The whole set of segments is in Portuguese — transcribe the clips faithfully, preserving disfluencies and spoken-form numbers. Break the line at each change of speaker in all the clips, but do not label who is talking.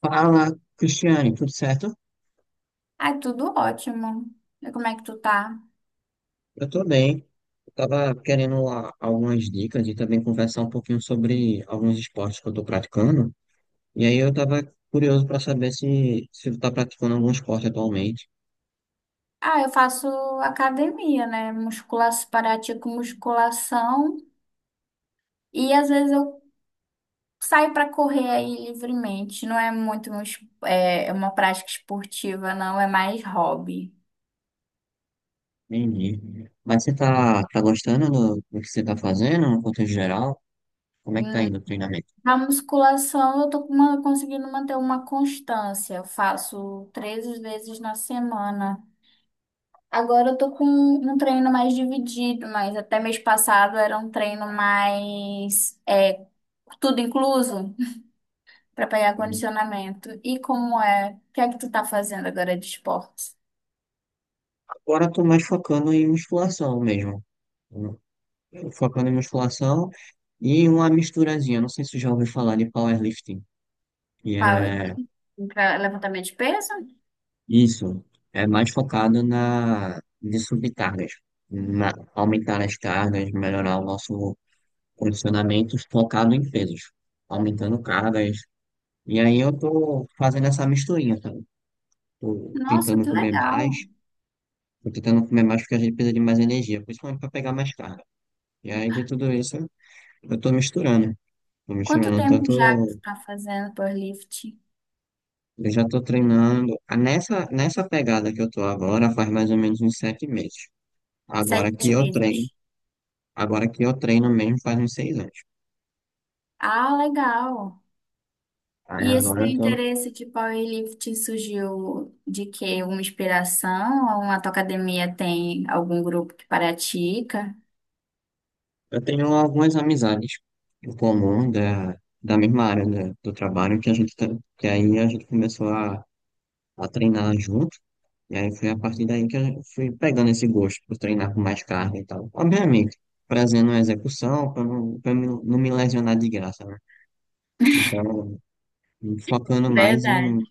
Fala, Cristiane, tudo certo?
Ai, tudo ótimo. E como é que tu tá?
Eu tô bem. Eu tava querendo a- algumas dicas e também conversar um pouquinho sobre alguns esportes que eu tô praticando. E aí eu tava curioso para saber se, se tu tá praticando algum esporte atualmente.
Ah, eu faço academia, né? Musculação, parati com musculação e às vezes eu saio pra correr aí livremente. Não é muito um es- é uma prática esportiva, não, é mais hobby.
Entendi. Mas você tá, tá gostando do, do que você tá fazendo no contexto geral? Como é que tá
Hum,
indo o treinamento?
Na musculação eu tô com uma- conseguindo manter uma constância. Eu faço três vezes na semana. Agora eu tô com um treino mais dividido, mas até mês passado era um treino mais. é, Tudo incluso? Pra pegar condicionamento. E como é? O que é que tu tá fazendo agora de esportes?
Agora eu tô mais focando em musculação mesmo. Eu- Focando em musculação e uma misturazinha. Não sei se você já ouviu falar de powerlifting. Que
Power.
é
Pra levantamento de peso?
Isso é mais focado na de subir cargas, na- aumentar as cargas, melhorar o nosso condicionamento focado em pesos, aumentando cargas. E aí eu tô fazendo essa misturinha, tá? Tô
Nossa,
tentando
que
comer
legal.
mais, tô tentando comer mais porque a gente precisa de mais energia, principalmente para pegar mais carga. E aí de tudo isso eu tô misturando, tô
Quanto
misturando
tempo já que tu
tanto
tá fazendo powerlifting?
eu já tô treinando. Ah, Nessa nessa pegada que eu tô agora faz mais ou menos uns sete meses. Agora que
Sete
eu treino
meses.
Agora que eu treino mesmo faz uns seis anos.
Ah, legal.
Aí
E esse
agora
teu
eu tô,
interesse de powerlifting surgiu de quê? Uma inspiração? Ou a tua academia tem algum grupo que pratica?
eu tenho algumas amizades em comum da, da mesma área da- do trabalho que a gente tá- que aí a gente começou a, a treinar junto. E aí foi a partir daí que eu fui pegando esse gosto por treinar com mais carga e tal. Obviamente, trazendo a execução para não, pra não não me lesionar de graça, né? Então, focando mais em
Verdade.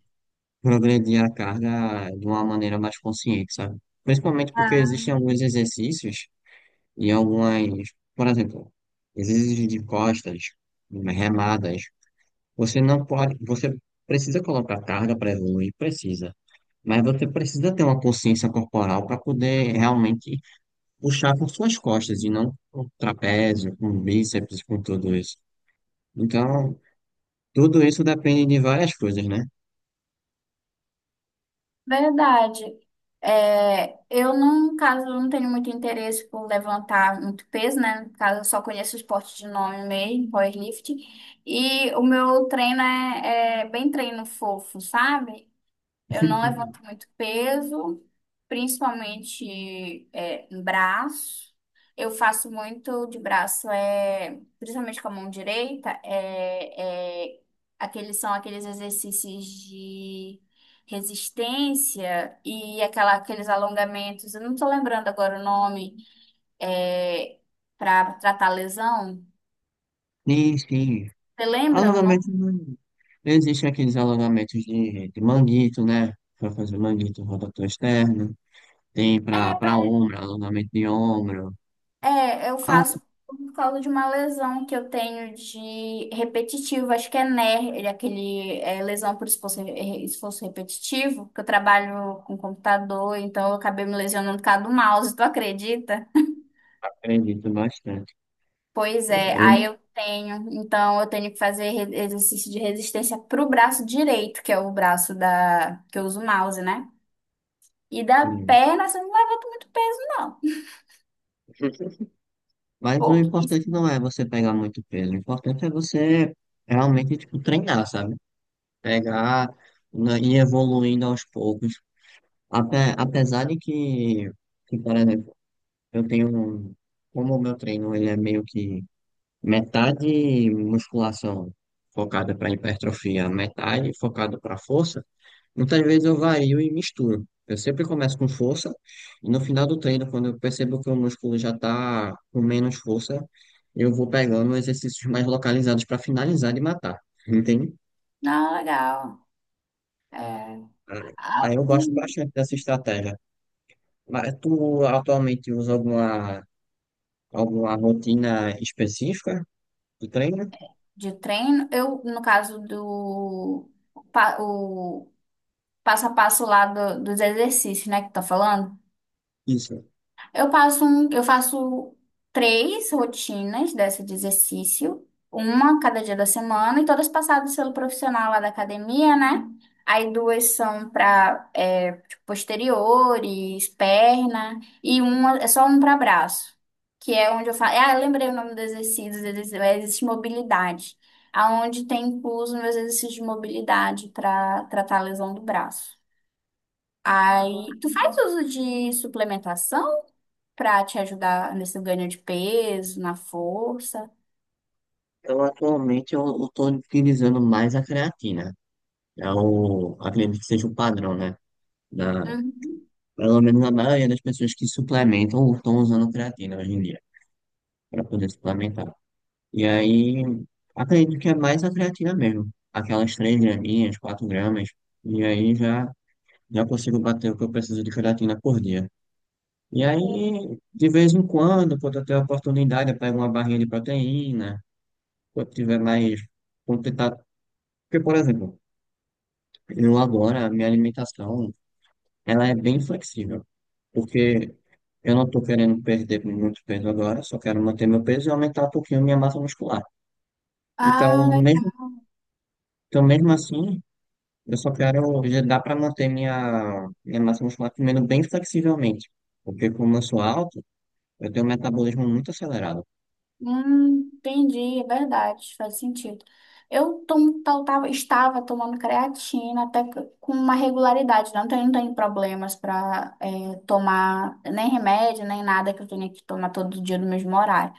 progredir a carga de uma maneira mais consciente, sabe? Principalmente porque existem alguns exercícios e algumas, por exemplo, exercícios de costas, remadas, você não pode, você precisa colocar carga para evoluir, precisa. Mas você precisa ter uma consciência corporal para poder realmente puxar com suas costas e não com trapézio, com bíceps, com tudo isso. Então, tudo isso depende de várias coisas, né?
Verdade. É, eu, no caso, não tenho muito interesse por levantar muito peso, né? No caso, eu só conheço o esporte de nome mesmo, powerlifting. E o meu treino é, é bem treino fofo, sabe? Eu não levanto muito peso, principalmente é, em braço. Eu faço muito de braço, é, principalmente com a mão direita, é, é, aqueles são aqueles exercícios de resistência e aquela, aqueles alongamentos. Eu não estou lembrando agora o nome, é, para tratar lesão.
Sim, sim.
Você lembra o
Alongamento
nome?
não. Existem aqueles alongamentos de, de manguito, né? Para fazer manguito rotator externo. Tem para para ombro, alongamento de ombro.
É, eu
Ah,
faço por causa de uma lesão que eu tenho de repetitivo, acho que é N E R, aquele é, lesão por esforço, re- esforço repetitivo, que eu trabalho com computador, então eu acabei me lesionando por causa do mouse, tu acredita?
acredito bastante.
Pois é, aí
Eu,
eu tenho, então eu tenho que fazer re- exercício de resistência pro braço direito, que é o braço da que eu uso o mouse, né? E da
sim.
perna, você não levanta muito peso, não.
Mas o importante
Pouquíssimo.
não é você pegar muito peso, o importante é você realmente, tipo, treinar, sabe? Pegar né, e ir evoluindo aos poucos. Ape- apesar de que, que, por exemplo, eu tenho, um- como o meu treino ele é meio que metade musculação focada para hipertrofia, metade focada para força, muitas vezes eu vario e misturo. Eu sempre começo com força e no final do treino, quando eu percebo que o músculo já está com menos força, eu vou pegando exercícios mais localizados para finalizar e matar. Entende?
Não, legal. É.
Ah, aí
Ah,
eu gosto bastante dessa estratégia. Mas tu atualmente usa alguma, alguma rotina específica do treino?
de treino. Eu, no caso do pa- o passo a passo lá do- dos exercícios, né, que tá falando.
Isso.
Eu passo um, eu faço três rotinas dessa de exercício, uma cada dia da semana, e todas passadas pelo profissional lá da academia, né? Aí duas são para posteriores, perna, e uma é só um para braço, que é onde eu faço. Ah, eu lembrei o nome dos exercícios, eles- existe mobilidade, aonde tem incluso meus exercícios de mobilidade para tratar a lesão do braço. Aí, tu faz uso de suplementação? Pra te ajudar nesse ganho de peso, na força.
Eu atualmente eu estou utilizando mais a creatina. É o, acredito que seja o padrão, né? da
Uhum.
Pelo menos a maioria das pessoas que suplementam ou estão usando creatina hoje em dia, para poder suplementar. E aí, acredito que é mais a creatina mesmo. Aquelas três graminhas, quatro gramas. E aí já, já consigo bater o que eu preciso de creatina por dia. E aí, de vez em quando, quando eu tenho a oportunidade, eu pego uma barrinha de proteína. Quando tiver mais. Quando tentar... Porque, por exemplo, eu agora, a minha alimentação, ela é bem flexível. Porque eu não estou querendo perder muito peso agora, só quero manter meu peso e aumentar um pouquinho minha massa muscular. Então,
Ah,
mesmo,
legal.
então mesmo assim, eu só quero, já dá para manter minha, minha massa muscular comendo bem flexivelmente. Porque como eu sou alto, eu tenho um metabolismo muito acelerado.
Hum, entendi, é verdade, faz sentido. Eu tomo, tal- tava- estava tomando creatina até que com uma regularidade, não tenho, não tenho problemas para tomar nem remédio, nem nada que eu tenha que tomar todo dia no mesmo horário.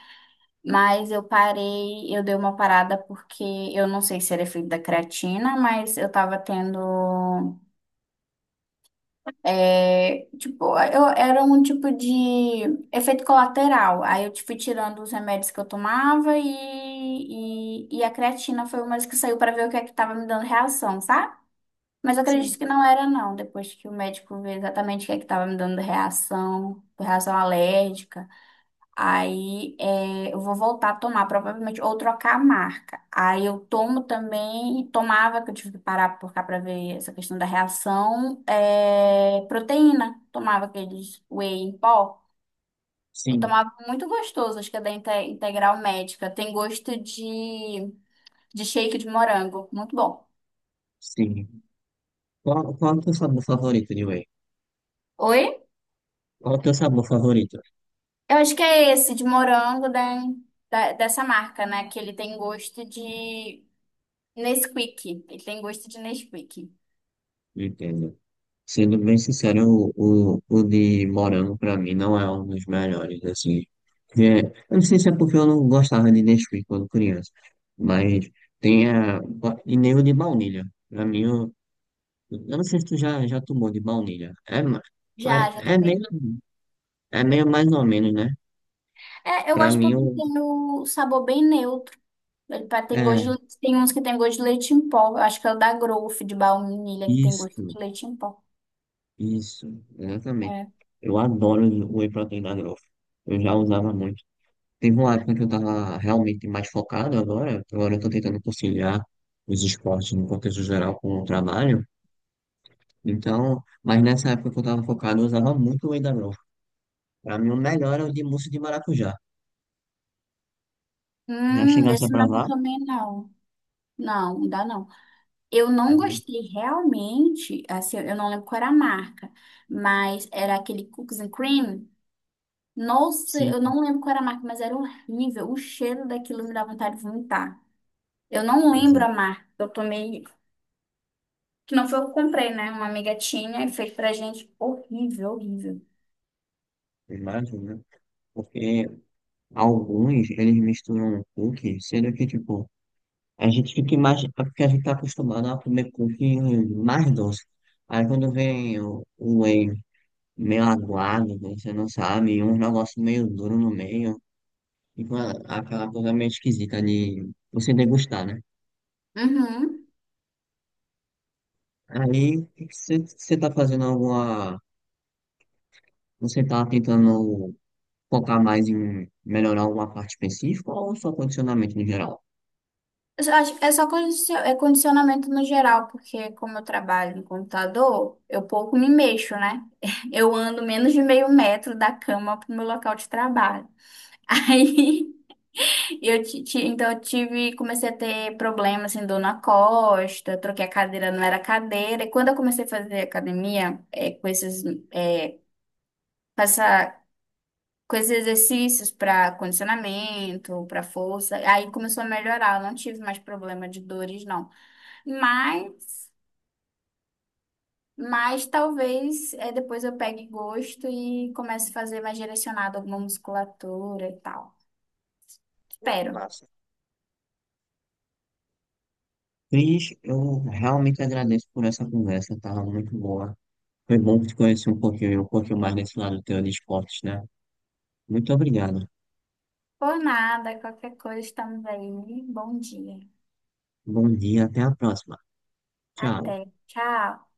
Mas eu parei, eu dei uma parada porque eu não sei se era efeito da creatina, mas eu estava tendo. É, tipo, eu era um tipo de efeito colateral. Aí eu fui tirando os remédios que eu tomava e, e, e a creatina foi uma das que saiu para ver o que é que estava me dando reação, sabe? Mas eu acredito
Sim,
que não era, não, depois que o médico vê exatamente o que é que estava me dando reação, reação alérgica. Aí é, eu vou voltar a tomar, provavelmente, ou trocar a marca. Aí eu tomo também, tomava, que eu tive que parar por cá para ver essa questão da reação, é, proteína. Tomava aqueles whey em pó. Eu
sim,
tomava muito gostoso, acho que é da Inte- Integral Médica. Tem gosto de, de shake de morango, muito bom.
sim. Qual, qual é o teu sabor favorito de whey?
Oi?
Qual é o teu sabor favorito?
Eu acho que é esse, de morango da, da- dessa marca, né? Que ele tem gosto de Nesquik. Ele tem gosto de Nesquik.
Entendo. Sendo bem sincero, o, o, o de morango pra mim não é um dos melhores, assim. É, eu não sei se é porque eu não gostava de Nesquik quando criança, mas tem a, e nem o de baunilha. Pra mim, eu, eu não sei se tu já, já tomou de baunilha. É, ma-
Já, já
é, é meio,
também.
é meio mais ou menos, né?
É, eu
Pra
gosto
mim,
porque
eu,
tem o sabor bem neutro. Ele pa- tem gosto
é,
de leite- tem uns que tem gosto de leite em pó. Eu acho que é o da Growth de baunilha que tem gosto
isso,
de leite em pó.
isso, exatamente.
É.
Eu adoro o whey protein da Growth. Eu já usava muito. Teve uma época que eu tava realmente mais focado agora, agora eu tô tentando conciliar os esportes no contexto geral com o trabalho, então, mas nessa época que eu tava focado, eu usava muito o whey da Growth. Pra mim, o melhor era o de mousse de maracujá. Já
Hum,
chegasse a
esse não
provar?
também não. Não, não dá não. Eu
É
não
muito-
gostei realmente, assim, eu não lembro qual era a marca, mas era aquele Cookies and Cream. Nossa, eu
Sim,
não lembro qual era a marca, mas era horrível. O cheiro daquilo me dá vontade de vomitar. Eu não lembro
exato.
a marca. Eu tomei Que não foi eu que comprei, né? Uma amiga tinha e fez pra gente. Horrível, horrível.
Imagina, né? Porque alguns, eles misturam cookie, sendo que, tipo, a gente fica mais, é porque a gente tá acostumado a comer cookie mais doce. Aí quando vem o, o whey meio aguado, que você não sabe, e um negócio meio duro no meio, e com a- aquela coisa meio esquisita de você degustar, né?
Uhum.
Aí, se você tá fazendo alguma. Você tá tentando focar mais em melhorar alguma parte específica ou só condicionamento no geral?
Eu só acho- É só condicio- é condicionamento no geral, porque como eu trabalho no computador, eu pouco me mexo, né? Eu ando menos de meio metro da cama pro meu local de trabalho. Aí eu ti- ti- então eu tive, comecei a ter problema assim, dor na costa, troquei a cadeira, não era cadeira. E quando eu comecei a fazer academia, é, com esses, é, com essa com esses exercícios para condicionamento, para força. Aí começou a melhorar, eu não tive mais problema de dores, não. Mas, mas talvez é, depois eu pegue gosto e comece a fazer mais direcionado alguma musculatura e tal.
Muito
Espero.
massa. Cris, eu realmente agradeço por essa conversa, tava muito boa. Foi bom te conhecer um pouquinho, um pouquinho mais desse lado teu de esportes, né? Muito obrigado.
Por nada, qualquer coisa, estamos aí. Bom dia.
Bom dia, até a próxima. Tchau.
Até. Tchau.